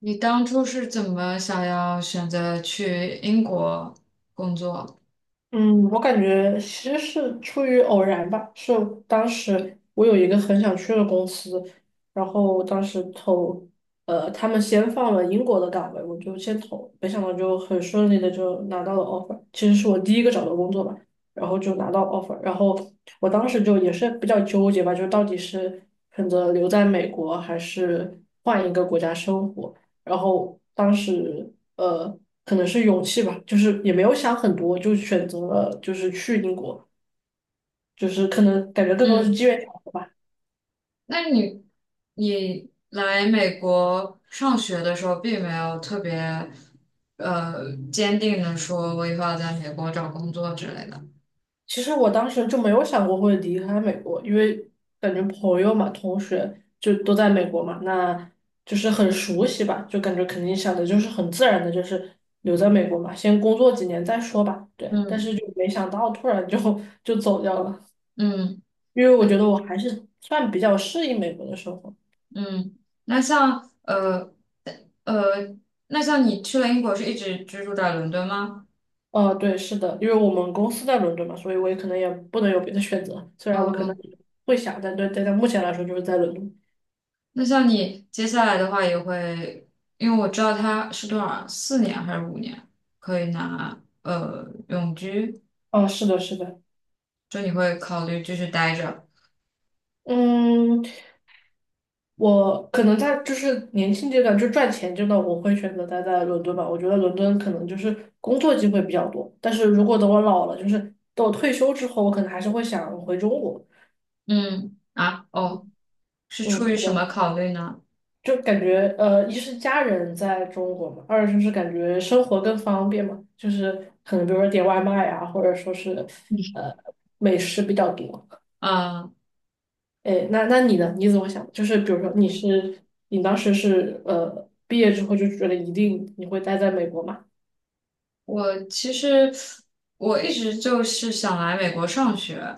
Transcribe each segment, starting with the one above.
你当初是怎么想要选择去英国工作？嗯，我感觉其实是出于偶然吧，是当时我有一个很想去的公司，然后当时投，他们先放了英国的岗位，我就先投，没想到就很顺利的就拿到了 offer，其实是我第一个找的工作吧，然后就拿到 offer，然后我当时就也是比较纠结吧，就到底是选择留在美国还是换一个国家生活。然后当时可能是勇气吧，就是也没有想很多，就选择了就是去英国，就是可能感觉更多的是嗯，机缘巧合吧。那你来美国上学的时候，并没有特别坚定的说我以后要在美国找工作之类的。其实我当时就没有想过会离开美国，因为感觉朋友嘛、同学就都在美国嘛，那就是很熟悉吧，就感觉肯定想的就是很自然的，就是留在美国嘛，先工作几年再说吧。对，但是嗯就没想到突然就走掉了，嗯，因为我那觉得我还是算比较适应美国的生活。嗯，那像呃呃，那像你去了英国，是一直居住在伦敦吗？对，是的，因为我们公司在伦敦嘛，所以我也可能也不能有别的选择。虽然我可能嗯，会想，但对，但在目前来说就是在伦敦。那像你接下来的话也会，因为我知道他是多少，4年还是五年可以拿永居，啊，是的，是的，就你会考虑继续待着。嗯，我可能在就是年轻阶段就赚钱阶段，我会选择待在伦敦吧。我觉得伦敦可能就是工作机会比较多，但是如果等我老了，就是等我退休之后，我可能还是会想回中国。嗯啊哦，嗯，是嗯，出于什么考虑呢？就感觉一是家人在中国嘛，二就是感觉生活更方便嘛，就是可能比如说点外卖啊，或者说是呃美食比较多。啊，哎，那你呢？你怎么想？就是比如说你当时是毕业之后就觉得一定你会待在美国嘛？我其实我一直就是想来美国上学，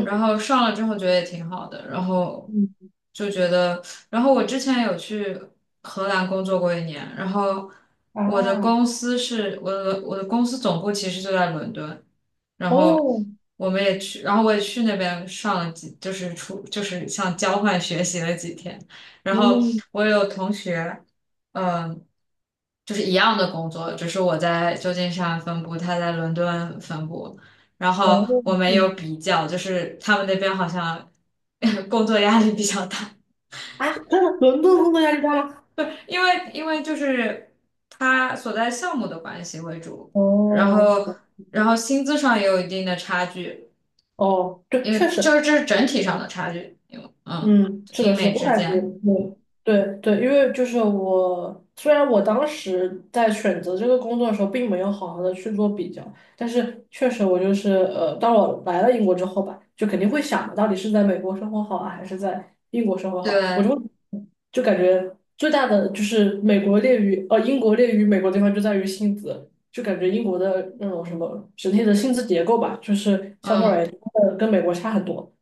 然后上了之后觉得也挺好的，然后嗯就觉得，然后我之前有去荷兰工作过一年，然后我的啊公司是我的公司总部其实就在伦敦，然后哦我们也去，然后我也去那边上了几，就是出就是像交换学习了几天，然后嗯我有同学。嗯。就是一样的工作，只是我在旧金山分部，他在伦敦分部。然后哦我没有嗯。比较，就是他们那边好像 工作压力比较大。啊，真的伦敦工作压力大吗？不是因为就是他所在项目的关系为主，然哦后然后薪资上也有一定的差距，哦，对，因确为就实。是这是整体上的差距，因为嗯，是英的，是的，美我之感觉间，对对对，因为就是我，虽然我当时在选择这个工作的时候，并没有好好的去做比较，但是确实我就是当我来了英国之后吧，就肯定会想的到底是在美国生活好啊，还是在英国生活好，我对，会就感觉最大的就是美国劣于呃英国劣于美国的地方就在于薪资，就感觉英国的那种什么整体的薪资结构吧，就是相对而嗯言真的跟美国差很多，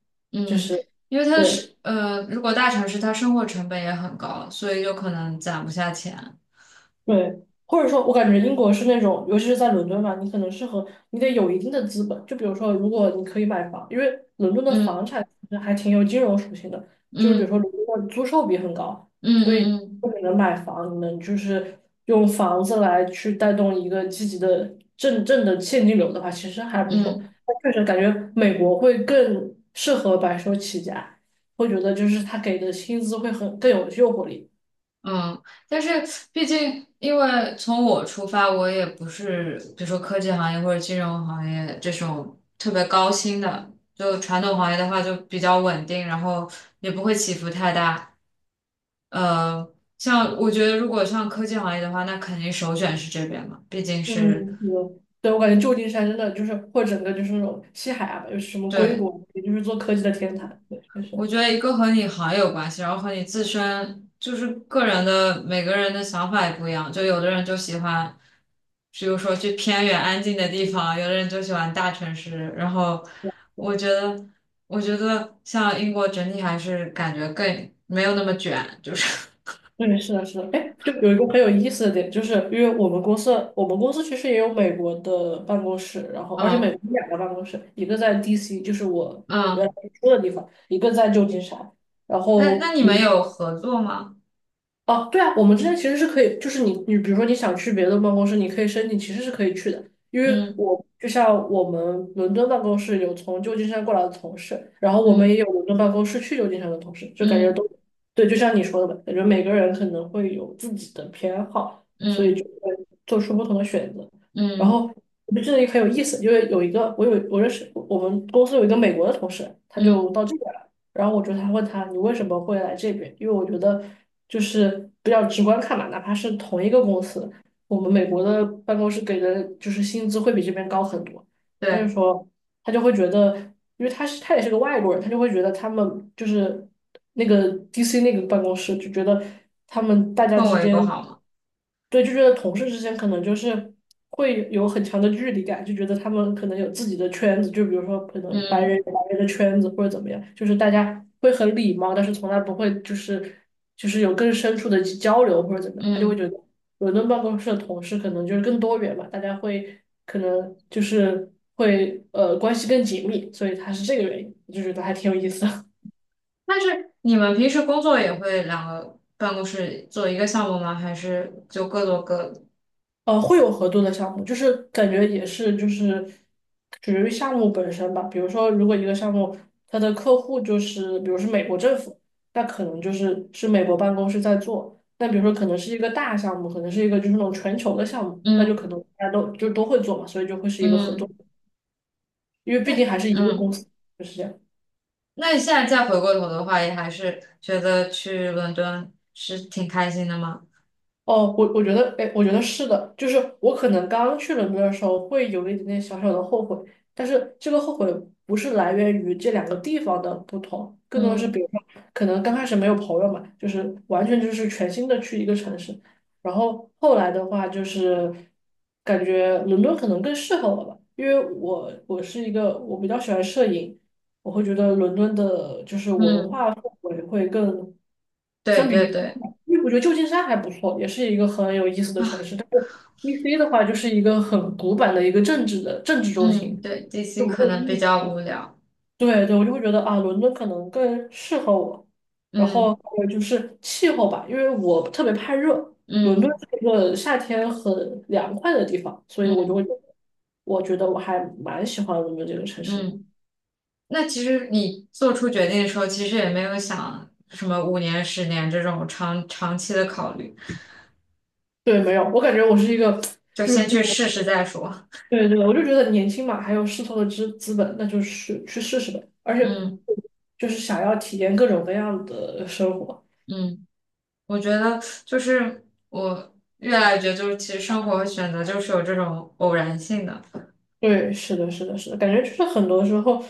就嗯，是。因为他对。是呃，如果大城市它生活成本也很高，所以就可能攒不下钱。对，或者说，我感觉英国是那种，尤其是在伦敦嘛，你可能适合，你得有一定的资本。就比如说，如果你可以买房，因为伦敦的房产其实还挺有金融属性的，就是比如说嗯如果的租售比很高，嗯所以嗯如嗯果你能买房，你能就是用房子来去带动一个积极的正的现金流的话，其实还不嗯嗯。错。嗯但确实感觉美国会更适合白手起家，会觉得就是他给的薪资会很更有诱惑力。嗯，但是毕竟，因为从我出发，我也不是比如说科技行业或者金融行业这种特别高薪的，就传统行业的话就比较稳定，然后也不会起伏太大。呃，像我觉得如果像科技行业的话，那肯定首选是这边嘛，毕竟嗯，是。对，对，我感觉旧金山真的就是，或者整个就是那种西海岸吧，就是什么硅对。谷，也就是做科技的天堂。对，确实，我觉得一个和你行业有关系，然后和你自身就是个人的每个人的想法也不一样。就有的人就喜欢，比如说去偏远安静的地方，有的人就喜欢大城市。然后我觉得，我觉得像英国整体还是感觉更没有那么卷，就是。 对，是的，是的。哎，就有一个很有意思的点，就是因为我们公司其实也有美国的办公室，然 后而且美嗯国有两个办公室，一个在 DC，就是我原来嗯。住的地方，一个在旧金山。然那后那你们有合作吗？哦，对啊，我们之间其实是可以，就是你比如说你想去别的办公室，你可以申请，其实是可以去的。因为嗯我就像我们伦敦办公室有从旧金山过来的同事，然后我们也嗯有伦敦办公室去旧金山的同事，就感觉嗯都对，就像你说的吧，感觉每个人可能会有自己的偏好，所以就嗯会做出不同的选择。嗯然后嗯我就记得也很有意思，因为有一个我有我认识我们公司有一个美国的同事，他就到嗯这边来。然后我就他问他你为什么会来这边？因为我觉得就是比较直观看嘛，哪怕是同一个公司，我们美国的办公室给的就是薪资会比这边高很多。他就对，说他就会觉得，因为他也是个外国人，他就会觉得他们就是那个 DC 那个办公室就觉得他们大家氛之围不间，好吗？对，就觉得同事之间可能就是会有很强的距离感，就觉得他们可能有自己的圈子，就比如说可能白人嗯有白人的圈子或者怎么样，就是大家会很礼貌，但是从来不会就是。就是有更深处的交流或者怎么样，他就会觉嗯。得伦敦办公室的同事可能就是更多元嘛，大家会可能就是会关系更紧密，所以他是这个原因，我就觉得还挺有意思的。但是你们平时工作也会两个办公室做一个项目吗？还是就各做各的？会有合作的项目，就是感觉也是就是属于项目本身吧。比如说，如果一个项目它的客户就是，比如是美国政府，那可能是美国办公室在做。那比如说，可能是一个大项目，可能是一个就是那种全球的项目，那就可嗯能大家都就都会做嘛，所以就会是一个合作，嗯，因为那毕竟还是一个公嗯，司，就是这样。那你现在再回过头的话，也还是觉得去伦敦是挺开心的吗？哦，我觉得，哎，我觉得是的，就是我可能刚去伦敦的时候会有一点点小小的后悔，但是这个后悔不是来源于这两个地方的不同，更多的是比嗯如说，可能刚开始没有朋友嘛，就是完全就是全新的去一个城市，然后后来的话就是感觉伦敦可能更适合我吧，因为我我是一个我比较喜欢摄影，我会觉得伦敦的就是文嗯，化氛围对对对，因为我觉得旧金山还不错，也是一个很有意思的城市。但是 DC 的话，就是一个很古板的一个政治中嗯心，对就，DC 没可有意能比义。较无聊。对对，我就会觉得啊，伦敦可能更适合我。然后嗯还有就是气候吧，因为我特别怕热，伦敦嗯是一个夏天很凉快的地方，所以我就嗯会，我觉得我还蛮喜欢伦敦这个城市。嗯，那其实你做出决定的时候，其实也没有想什么五年、10年这种长期的考虑，对，没有，我感觉我是一个，就就是先去试试再说。对对，我就觉得年轻嘛，还有试错的资本，那就是去试试呗。而且嗯就是想要体验各种各样的生活。嗯，我觉得就是我越来越觉得，就是其实生活和选择就是有这种偶然性的，对，是的，是的，是的，感觉就是很多时候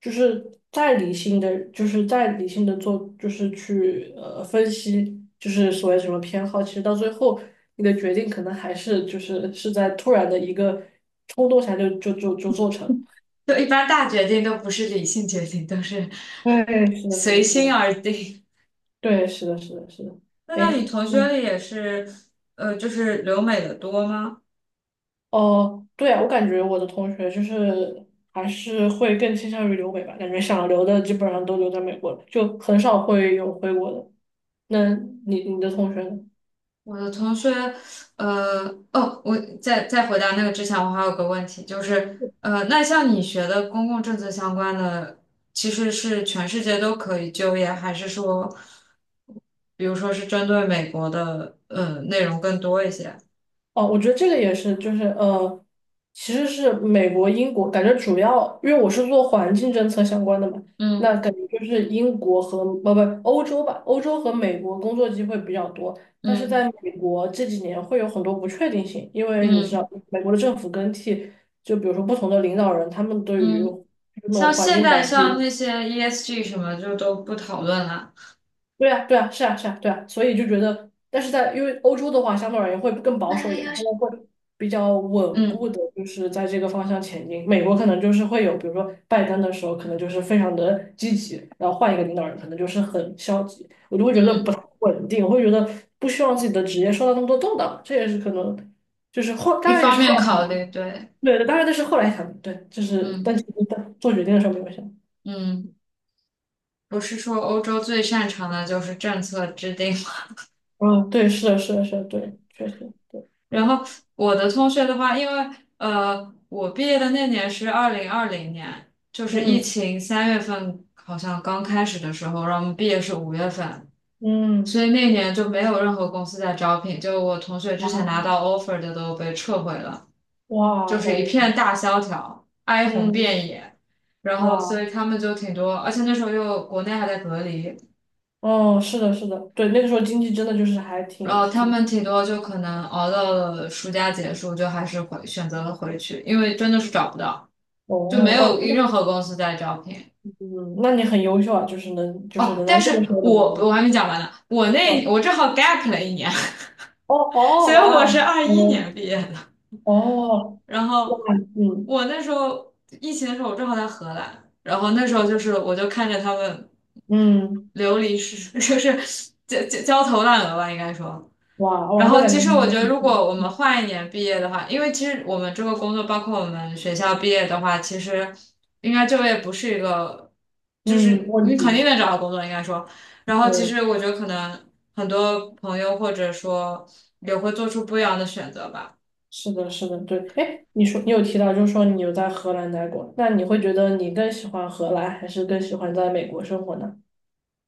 就是再理性的，就是再理性的做，就是去分析，就是所谓什么偏好，其实到最后你的决定可能还是是在突然的一个冲动下就做成了。就一般大决定都不是理性决定，都是。 对，是的，是随的，心对，而定。对，是的，是的，是的。那你哎。同学里也是，就是留美的多吗？哦，对啊，我感觉我的同学就是还是会更倾向于留美吧，感觉想留的基本上都留在美国了，就很少会有回国的。那你的同学呢？我的同学，呃，哦，我在回答那个之前，我还有个问题，就是，那像你学的公共政策相关的，其实是全世界都可以就业，还是说，比如说是针对美国的，内容更多一些？哦，我觉得这个也是，就是其实是美国、英国，感觉主要，因为我是做环境政策相关的嘛，那嗯感觉就是英国和不欧洲吧，欧洲和美国工作机会比较多，但是在嗯美国这几年会有很多不确定性，因为你知嗯道，美国的政府更替，就比如说不同的领导人，他们对于嗯，那种像环现境在保像护那些 ESG 什么就都不讨论了。对啊，对啊，是啊，是啊，对啊，所以就觉得，但是因为欧洲的话，相对而言会更保守一点嘛，他们会比较稳固嗯的，就是在这个方向前进。美国可能就是会有，比如说拜登的时候，可能就是非常的积极，然后换一个领导人，可能就是很消极，我就会觉得不嗯，太稳定，我会觉得不希望自己的职业受到那么多动荡，这也是可能，就是后，一当然也方是后面来，考虑，对，对，当然这是后来想的对，就是，但嗯其实在做决定的时候没有想，嗯。不是说欧洲最擅长的就是政策制定吗？嗯，对，是的，是的，是的，对，确实，对，然哎，后我的同学的话，因为我毕业的那年是2020年，就是疫嗯。情3月份好像刚开始的时候，然后我们毕业是5月份，所嗯，以那年就没有任何公司在招聘，就我同学之前啊，拿到 offer 的都被撤回了，哇就是一哦，片大萧条，哀鸿遍嗯，野。然后所哇，以他们就挺多，而且那时候又国内还在隔离，哦，是的，是的，对，那个时候经济真的就是还然后挺他挺，们挺多就可能熬到了暑假结束，就还是回选择了回去，因为真的是找不到，哦，就没哇，有那任何公司在招聘。嗯，那你很优秀啊，就是能，就是哦，能但在那个是时候找到我工我还没讲完呢，我作，那哦我正好 gap 了一年。所哦，以哇，我是二一哦年毕业的。哦，然哇，后嗯我那时候疫情的时候，我正好在荷兰，然后那时候就是我就看着他们嗯，流离失，就是焦头烂额吧，应该说。哇然哇，那后，感其觉实应我觉该得，挺如果我们挺，换一年毕业的话，因为其实我们这个工作，包括我们学校毕业的话，其实应该就业不是一个，就嗯，是你问肯定题，能找到工作，应该说。然后，其对，实我觉得可能很多朋友或者说也会做出不一样的选择吧。是的，是的，对，哎，你说你有提到，就是说你有在荷兰待过，那你会觉得你更喜欢荷兰，还是更喜欢在美国生活呢？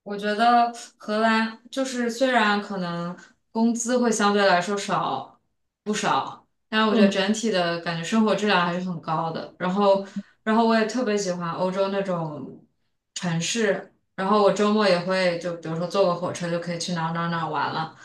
我觉得荷兰就是虽然可能工资会相对来说少不少，但是我觉得嗯。整体的感觉生活质量还是很高的。然后，然后我也特别喜欢欧洲那种城市。然后我周末也会就比如说坐个火车就可以去哪儿哪儿哪儿玩了。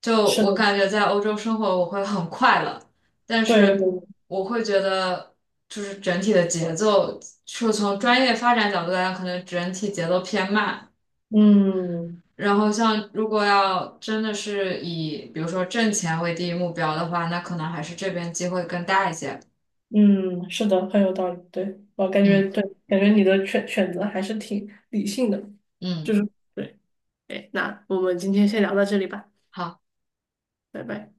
就是我的，感觉在欧洲生活我会很快乐，但对，是对我会觉得就是整体的节奏，就从专业发展角度来讲，可能整体节奏偏慢。嗯然后像如果要真的是以比如说挣钱为第一目标的话，那可能还是这边机会更大一些。嗯，是的，很有道理。对，我感觉嗯对，感觉你的选择还是挺理性的，就嗯。是对。哎，那我们今天先聊到这里吧，好。拜拜。